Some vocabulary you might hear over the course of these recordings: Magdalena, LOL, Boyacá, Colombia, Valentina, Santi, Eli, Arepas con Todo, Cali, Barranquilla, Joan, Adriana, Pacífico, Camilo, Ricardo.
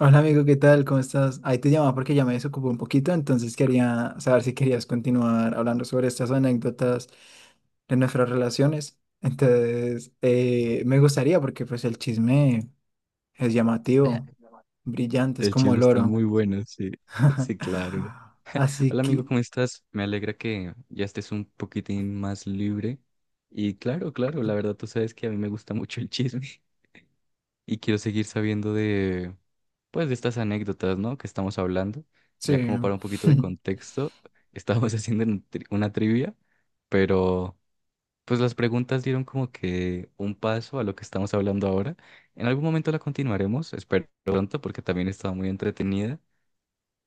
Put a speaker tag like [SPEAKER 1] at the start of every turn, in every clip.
[SPEAKER 1] Hola amigo, ¿qué tal? ¿Cómo estás? Ahí te llamaba porque ya me desocupé un poquito, entonces quería saber si querías continuar hablando sobre estas anécdotas de nuestras relaciones. Entonces, me gustaría porque pues el chisme es llamativo, brillante, es
[SPEAKER 2] El
[SPEAKER 1] como
[SPEAKER 2] chisme
[SPEAKER 1] el
[SPEAKER 2] está
[SPEAKER 1] oro.
[SPEAKER 2] muy bueno, sí. Sí, claro.
[SPEAKER 1] Así
[SPEAKER 2] Hola amigo,
[SPEAKER 1] que,
[SPEAKER 2] ¿cómo estás? Me alegra que ya estés un poquitín más libre. Y claro, claro, la verdad tú sabes que a mí me gusta mucho el chisme y quiero seguir sabiendo de, pues, de estas anécdotas, ¿no? Que estamos hablando. Ya
[SPEAKER 1] sí.
[SPEAKER 2] como para un poquito de contexto, estábamos haciendo una una trivia, pero pues las preguntas dieron como que un paso a lo que estamos hablando ahora. En algún momento la continuaremos, espero pronto, porque también estaba muy entretenida.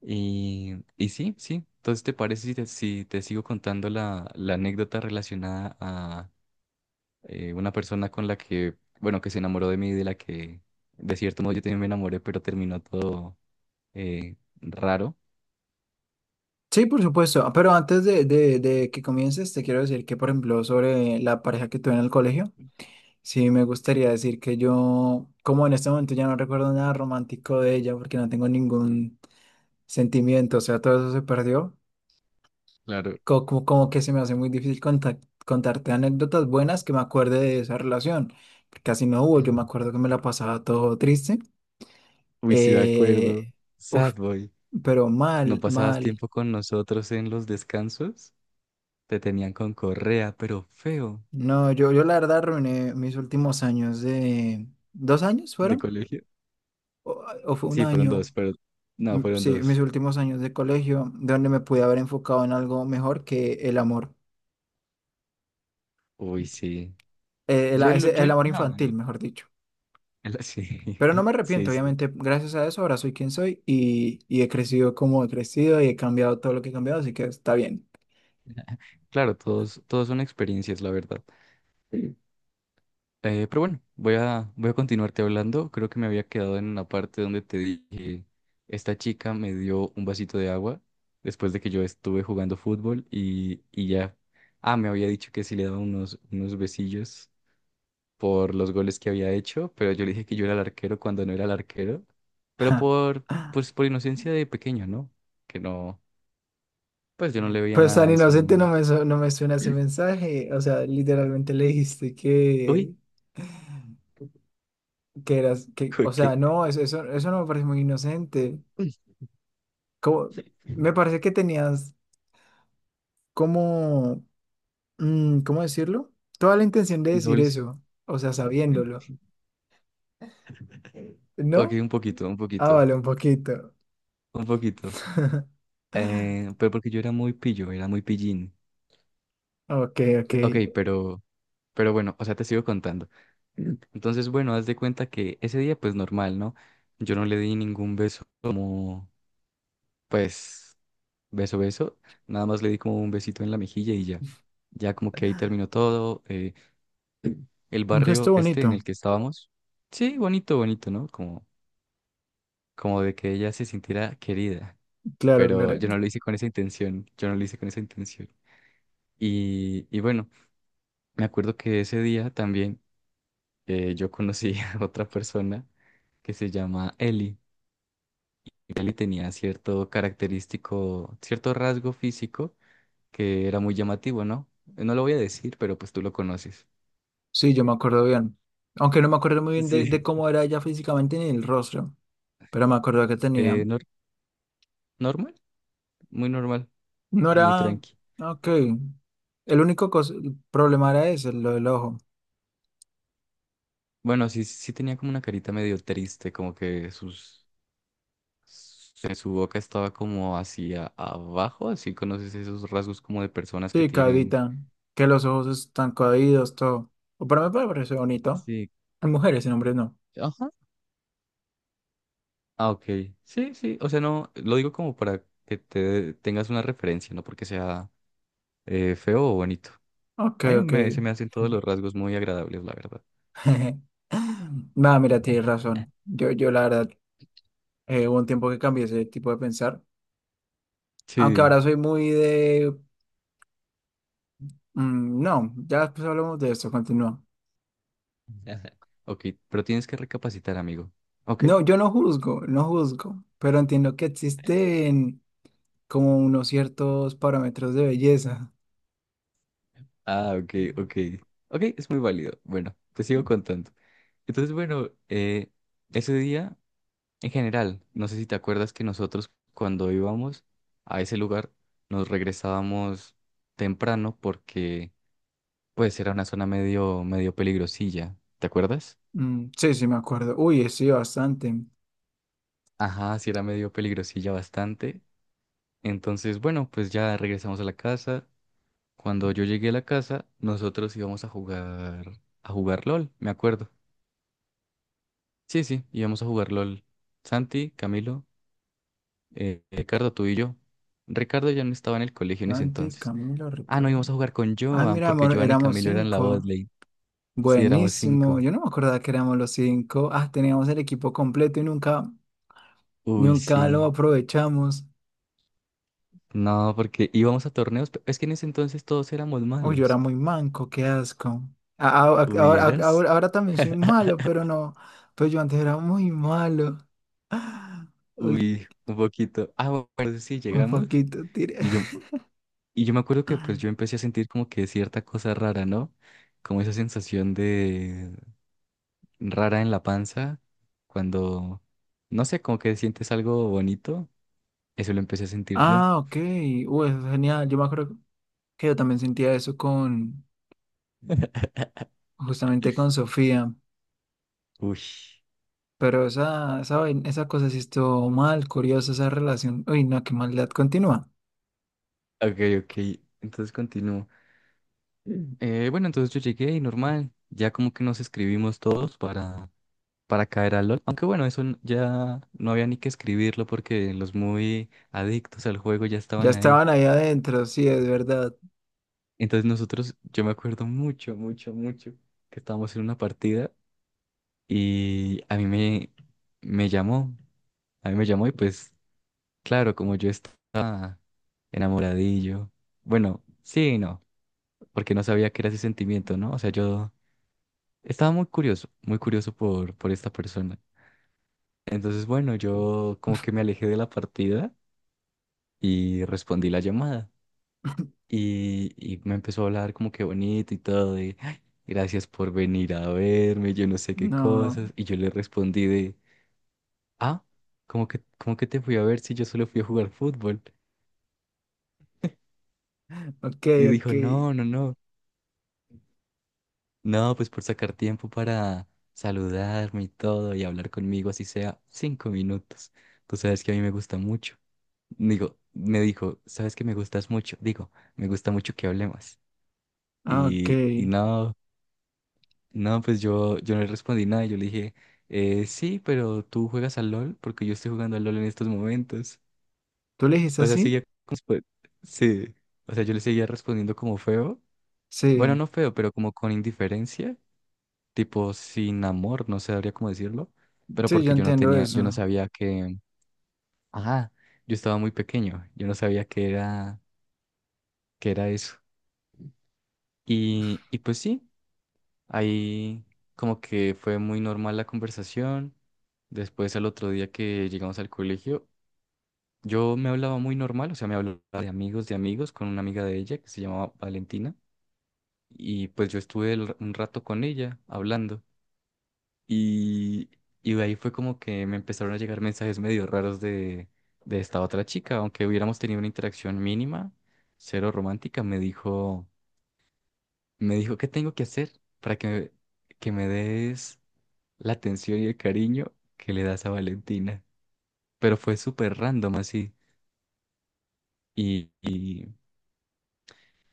[SPEAKER 2] Y sí, sí. Entonces, ¿te parece si te sigo contando la anécdota relacionada a una persona con la que, bueno, que se enamoró de mí, de la que, de cierto modo, yo también me enamoré, pero terminó todo eh, raro?
[SPEAKER 1] Sí, por supuesto. Ah, pero antes de que comiences, te quiero decir que, por ejemplo, sobre la pareja que tuve en el colegio. Sí, me gustaría decir que yo, como en este momento ya no recuerdo nada romántico de ella porque no tengo ningún sentimiento, o sea, todo eso se perdió,
[SPEAKER 2] Claro.
[SPEAKER 1] como que se me hace muy difícil contarte anécdotas buenas que me acuerde de esa relación, porque casi no hubo, yo me acuerdo que me la pasaba todo triste,
[SPEAKER 2] Uy, sí, me acuerdo.
[SPEAKER 1] eh, uf,
[SPEAKER 2] Sad boy.
[SPEAKER 1] pero
[SPEAKER 2] ¿No
[SPEAKER 1] mal,
[SPEAKER 2] pasabas
[SPEAKER 1] mal.
[SPEAKER 2] tiempo con nosotros en los descansos? Te tenían con correa, pero feo,
[SPEAKER 1] No, yo la verdad arruiné mis últimos años de... ¿2 años
[SPEAKER 2] de
[SPEAKER 1] fueron?
[SPEAKER 2] colegio.
[SPEAKER 1] ¿O o fue un
[SPEAKER 2] Sí, fueron dos,
[SPEAKER 1] año?
[SPEAKER 2] pero no,
[SPEAKER 1] Mm,
[SPEAKER 2] fueron
[SPEAKER 1] sí, mis
[SPEAKER 2] dos.
[SPEAKER 1] últimos años de colegio, donde me pude haber enfocado en algo mejor que el amor,
[SPEAKER 2] Uy, sí. Yo, lo- yo,
[SPEAKER 1] el amor
[SPEAKER 2] no, yo,
[SPEAKER 1] infantil, mejor dicho.
[SPEAKER 2] Sí,
[SPEAKER 1] Pero no me arrepiento,
[SPEAKER 2] sí, sí.
[SPEAKER 1] obviamente, gracias a eso ahora soy quien soy y he crecido como he crecido y he cambiado todo lo que he cambiado, así que está bien.
[SPEAKER 2] Claro, todos, todos son experiencias, la verdad. Sí. Pero bueno, voy a continuarte hablando. Creo que me había quedado en una parte donde te dije, esta chica me dio un vasito de agua después de que yo estuve jugando fútbol y ya. Ah, me había dicho que sí le daba unos besillos por los goles que había hecho, pero yo le dije que yo era el arquero cuando no era el arquero, pero por, pues, por inocencia de pequeño, ¿no? Que no, pues yo no le veía
[SPEAKER 1] Pues
[SPEAKER 2] nada
[SPEAKER 1] tan
[SPEAKER 2] a eso.
[SPEAKER 1] inocente no no me suena ese mensaje, o sea, literalmente le dijiste
[SPEAKER 2] Uy,
[SPEAKER 1] que, eras, que,
[SPEAKER 2] uy,
[SPEAKER 1] o
[SPEAKER 2] ¿qué?
[SPEAKER 1] sea, no, eso no me parece muy inocente.
[SPEAKER 2] Uy,
[SPEAKER 1] Como, me parece que tenías como ¿cómo decirlo? Toda la intención de decir
[SPEAKER 2] doble sí.
[SPEAKER 1] eso, o sea, sabiéndolo,
[SPEAKER 2] Ok,
[SPEAKER 1] ¿no?
[SPEAKER 2] un poquito, un
[SPEAKER 1] Ah,
[SPEAKER 2] poquito,
[SPEAKER 1] vale, un poquito.
[SPEAKER 2] un poquito. Pero porque yo era muy pillo, era muy pillín.
[SPEAKER 1] Ok, ok.
[SPEAKER 2] Ok, pero bueno, o sea, te sigo contando. Entonces, bueno, haz de cuenta que ese día, pues normal, ¿no? Yo no le di ningún beso como, pues, beso, beso. Nada más le di como un besito en la mejilla y ya. Ya como que ahí terminó todo. El
[SPEAKER 1] Un gesto
[SPEAKER 2] barrio este
[SPEAKER 1] bonito.
[SPEAKER 2] en el que estábamos. Sí, bonito, bonito, ¿no? Como, como de que ella se sintiera querida.
[SPEAKER 1] Claro,
[SPEAKER 2] Pero
[SPEAKER 1] claro.
[SPEAKER 2] yo no lo hice con esa intención, yo no lo hice con esa intención. Y bueno, me acuerdo que ese día también yo conocí a otra persona que se llama Eli. Eli tenía cierto característico, cierto rasgo físico que era muy llamativo, ¿no? No lo voy a decir, pero pues tú lo conoces.
[SPEAKER 1] Sí, yo me acuerdo bien. Aunque no me acuerdo muy bien de,
[SPEAKER 2] Sí.
[SPEAKER 1] de cómo era ella físicamente ni el rostro, pero me acuerdo que tenía.
[SPEAKER 2] Eh, nor- Normal, muy normal,
[SPEAKER 1] No
[SPEAKER 2] muy
[SPEAKER 1] era...
[SPEAKER 2] tranqui.
[SPEAKER 1] Ok. El único el problema era ese, lo del ojo.
[SPEAKER 2] Bueno, sí, sí tenía como una carita medio triste, como que sus su boca estaba como hacia abajo, así conoces esos rasgos como de personas que
[SPEAKER 1] Sí,
[SPEAKER 2] tienen...
[SPEAKER 1] caídita. Que los ojos están caídos, todo. O para mí me parece bonito.
[SPEAKER 2] Sí,
[SPEAKER 1] En mujeres, en hombres no.
[SPEAKER 2] ajá. Ah, ok. Sí, sí. O sea, no, lo digo como para que te tengas una referencia, no porque sea feo o bonito.
[SPEAKER 1] Ok, ok.
[SPEAKER 2] Se me hacen todos los rasgos muy agradables, la verdad.
[SPEAKER 1] Nada, mira, tienes razón. Yo la verdad, hubo un tiempo que cambié ese tipo de pensar. Aunque
[SPEAKER 2] Sí.
[SPEAKER 1] ahora soy muy de... no, ya después hablamos de esto, continúa.
[SPEAKER 2] Ok, pero tienes que recapacitar, amigo. Ok.
[SPEAKER 1] No, yo no juzgo, no juzgo, pero entiendo que existen como unos ciertos parámetros de belleza.
[SPEAKER 2] Ah, ok, ok. Ok, es muy válido. Bueno, te sigo contando. Entonces, bueno, ese día... En general, no sé si te acuerdas que nosotros cuando íbamos a ese lugar nos regresábamos temprano porque pues era una zona medio, medio peligrosilla, ¿te acuerdas?
[SPEAKER 1] Mm, sí, sí, me acuerdo. Uy, sí, bastante.
[SPEAKER 2] Ajá, sí era medio peligrosilla bastante. Entonces, bueno, pues ya regresamos a la casa. Cuando yo llegué a la casa, nosotros íbamos a jugar LOL, me acuerdo. Sí, sí, íbamos a jugar LOL. Santi, Camilo, Ricardo, tú y yo. Ricardo ya no estaba en el colegio en ese
[SPEAKER 1] Dante,
[SPEAKER 2] entonces.
[SPEAKER 1] Camilo,
[SPEAKER 2] Ah, no,
[SPEAKER 1] Ricardo.
[SPEAKER 2] íbamos a jugar con
[SPEAKER 1] Ah,
[SPEAKER 2] Joan,
[SPEAKER 1] mira,
[SPEAKER 2] porque
[SPEAKER 1] amor,
[SPEAKER 2] Joan y
[SPEAKER 1] éramos
[SPEAKER 2] Camilo eran la
[SPEAKER 1] cinco.
[SPEAKER 2] botlane. Sí, éramos
[SPEAKER 1] Buenísimo.
[SPEAKER 2] cinco.
[SPEAKER 1] Yo no me acordaba que éramos los cinco. Ah, teníamos el equipo completo y nunca,
[SPEAKER 2] Uy,
[SPEAKER 1] nunca lo
[SPEAKER 2] sí.
[SPEAKER 1] aprovechamos.
[SPEAKER 2] No, porque íbamos a torneos. Es que en ese entonces todos éramos
[SPEAKER 1] Uy, yo era
[SPEAKER 2] malos.
[SPEAKER 1] muy manco, qué asco. A- a- a- Ahora, a-
[SPEAKER 2] ¿Hubieras?
[SPEAKER 1] ahora, ahora también soy malo, pero no. Pues yo antes era muy malo. Uy,
[SPEAKER 2] Uy, un poquito. Ah, bueno, sí,
[SPEAKER 1] un
[SPEAKER 2] llegamos.
[SPEAKER 1] poquito tiré.
[SPEAKER 2] Y yo, y yo me acuerdo que pues yo empecé a sentir como que cierta cosa rara, ¿no? Como esa sensación de rara en la panza, cuando, no sé, como que sientes algo bonito. Eso lo empecé a sentir yo.
[SPEAKER 1] Ah, ok. Uy, eso es genial. Yo me acuerdo que yo también sentía eso con, justamente con Sofía.
[SPEAKER 2] Uy.
[SPEAKER 1] Pero esa, esa cosa sí estuvo mal, curiosa esa relación. Uy, no, qué maldad. Continúa.
[SPEAKER 2] Ok, ok. Entonces continúo. Bueno, entonces yo llegué y normal, ya como que nos escribimos todos para caer al LOL. Aunque bueno, ya no había ni que escribirlo porque los muy adictos al juego ya
[SPEAKER 1] Ya
[SPEAKER 2] estaban ahí.
[SPEAKER 1] estaban ahí adentro, sí, es verdad.
[SPEAKER 2] Entonces nosotros, yo me acuerdo mucho, mucho, mucho que estábamos en una partida y me llamó, a mí me llamó y pues claro, como yo estaba enamoradillo, bueno, sí, y no, porque no sabía que era ese sentimiento, ¿no? O sea, yo... Estaba muy curioso por esta persona. Entonces, bueno, yo como que me alejé de la partida y respondí la llamada. Y me empezó a hablar como que bonito y todo, de "Ay, gracias por venir a verme, yo no sé qué
[SPEAKER 1] No,
[SPEAKER 2] cosas". Y yo le respondí de, ah, como que te fui a ver si yo solo fui a jugar fútbol.
[SPEAKER 1] ok,
[SPEAKER 2] Y
[SPEAKER 1] ok,
[SPEAKER 2] dijo, no, no, no, no, pues por sacar tiempo para saludarme y todo y hablar conmigo, así sea 5 minutos. Tú sabes que a mí me gusta mucho. Digo, me dijo, ¿sabes que me gustas mucho? Digo, me gusta mucho que hablemos.
[SPEAKER 1] ah, ok.
[SPEAKER 2] Y, y no, no, pues yo no le respondí nada. Yo le dije, sí, pero tú juegas al LOL porque yo estoy jugando al LOL en estos momentos.
[SPEAKER 1] ¿Tú le dijiste
[SPEAKER 2] O sea,
[SPEAKER 1] así?
[SPEAKER 2] seguía como, pues, sí. O sea, yo le seguía respondiendo como feo. Bueno,
[SPEAKER 1] Sí,
[SPEAKER 2] no feo, pero como con indiferencia, tipo sin amor, no sabría cómo decirlo. Pero
[SPEAKER 1] sí, yo
[SPEAKER 2] porque yo no
[SPEAKER 1] entiendo
[SPEAKER 2] tenía, yo no
[SPEAKER 1] eso.
[SPEAKER 2] sabía que, ajá, yo estaba muy pequeño. Yo no sabía que era eso. Y pues sí, ahí como que fue muy normal la conversación. Después al otro día que llegamos al colegio, yo me hablaba muy normal, o sea, me hablaba de amigos, con una amiga de ella que se llamaba Valentina. Y pues yo estuve un rato con ella hablando. Y, y de ahí fue como que me empezaron a llegar mensajes medio raros de esta otra chica, aunque hubiéramos tenido una interacción mínima, cero romántica, me dijo... Me dijo, ¿qué tengo que hacer para que, que me des la atención y el cariño que le das a Valentina? Pero fue súper random así. Y, y,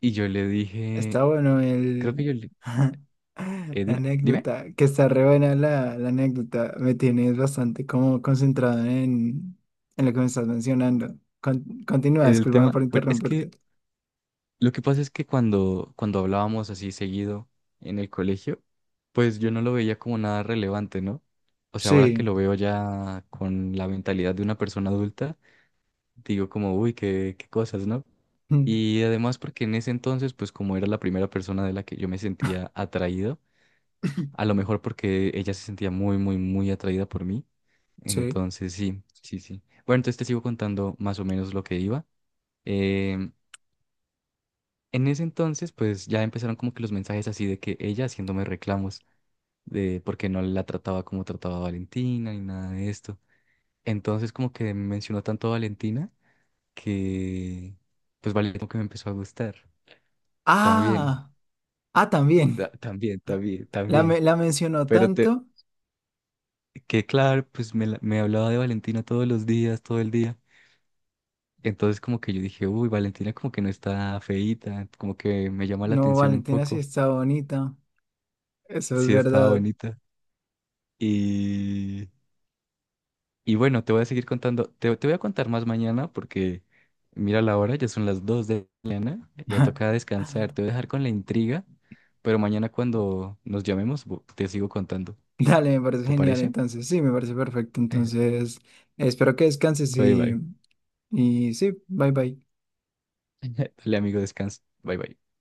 [SPEAKER 2] y yo le
[SPEAKER 1] Está
[SPEAKER 2] dije,
[SPEAKER 1] bueno
[SPEAKER 2] creo que
[SPEAKER 1] el...
[SPEAKER 2] yo le...
[SPEAKER 1] La
[SPEAKER 2] Dime, dime,
[SPEAKER 1] anécdota, que está re buena la, la anécdota. Me tienes bastante como concentrado en lo que me estás mencionando. Continúa,
[SPEAKER 2] en el
[SPEAKER 1] discúlpame
[SPEAKER 2] tema...
[SPEAKER 1] por
[SPEAKER 2] Bueno, es que
[SPEAKER 1] interrumpirte.
[SPEAKER 2] lo que pasa es que cuando hablábamos así seguido en el colegio, pues yo no lo veía como nada relevante, ¿no? O sea, ahora que
[SPEAKER 1] Sí,
[SPEAKER 2] lo veo ya con la mentalidad de una persona adulta, digo como, uy, qué, qué cosas, ¿no? Y además porque en ese entonces, pues como era la primera persona de la que yo me sentía atraído, a lo mejor porque ella se sentía muy, muy, muy atraída por mí.
[SPEAKER 1] sí.
[SPEAKER 2] Entonces, sí, sí, sí. Bueno, entonces te sigo contando más o menos lo que iba. Em, en ese entonces, pues ya empezaron como que los mensajes así de que ella haciéndome reclamos de por qué no la trataba como trataba a Valentina ni nada de esto. Entonces como que mencionó tanto a Valentina que pues Valentina como que me empezó a gustar también.
[SPEAKER 1] Ah, ah, también.
[SPEAKER 2] También, también,
[SPEAKER 1] La,
[SPEAKER 2] también.
[SPEAKER 1] la mencionó
[SPEAKER 2] Pero te,
[SPEAKER 1] tanto.
[SPEAKER 2] que claro, me hablaba de Valentina todos los días, todo el día. Entonces como que yo dije, uy, Valentina como que no está feíta, como que me llama la
[SPEAKER 1] No,
[SPEAKER 2] atención un
[SPEAKER 1] Valentina sí
[SPEAKER 2] poco.
[SPEAKER 1] está bonita. Eso es
[SPEAKER 2] Sí, estaba
[SPEAKER 1] verdad.
[SPEAKER 2] bonita. Y, y bueno, te voy a seguir contando, te voy a contar más mañana porque mira la hora, ya son las 2 de la mañana, ya toca descansar, te voy a dejar con la intriga, pero mañana cuando nos llamemos te sigo contando,
[SPEAKER 1] Dale, me parece
[SPEAKER 2] ¿te
[SPEAKER 1] genial.
[SPEAKER 2] parece?
[SPEAKER 1] Entonces, sí, me parece perfecto. Entonces, espero que descanses
[SPEAKER 2] Bye, bye.
[SPEAKER 1] y sí, bye bye.
[SPEAKER 2] Dale, amigo, descansa. Bye, bye.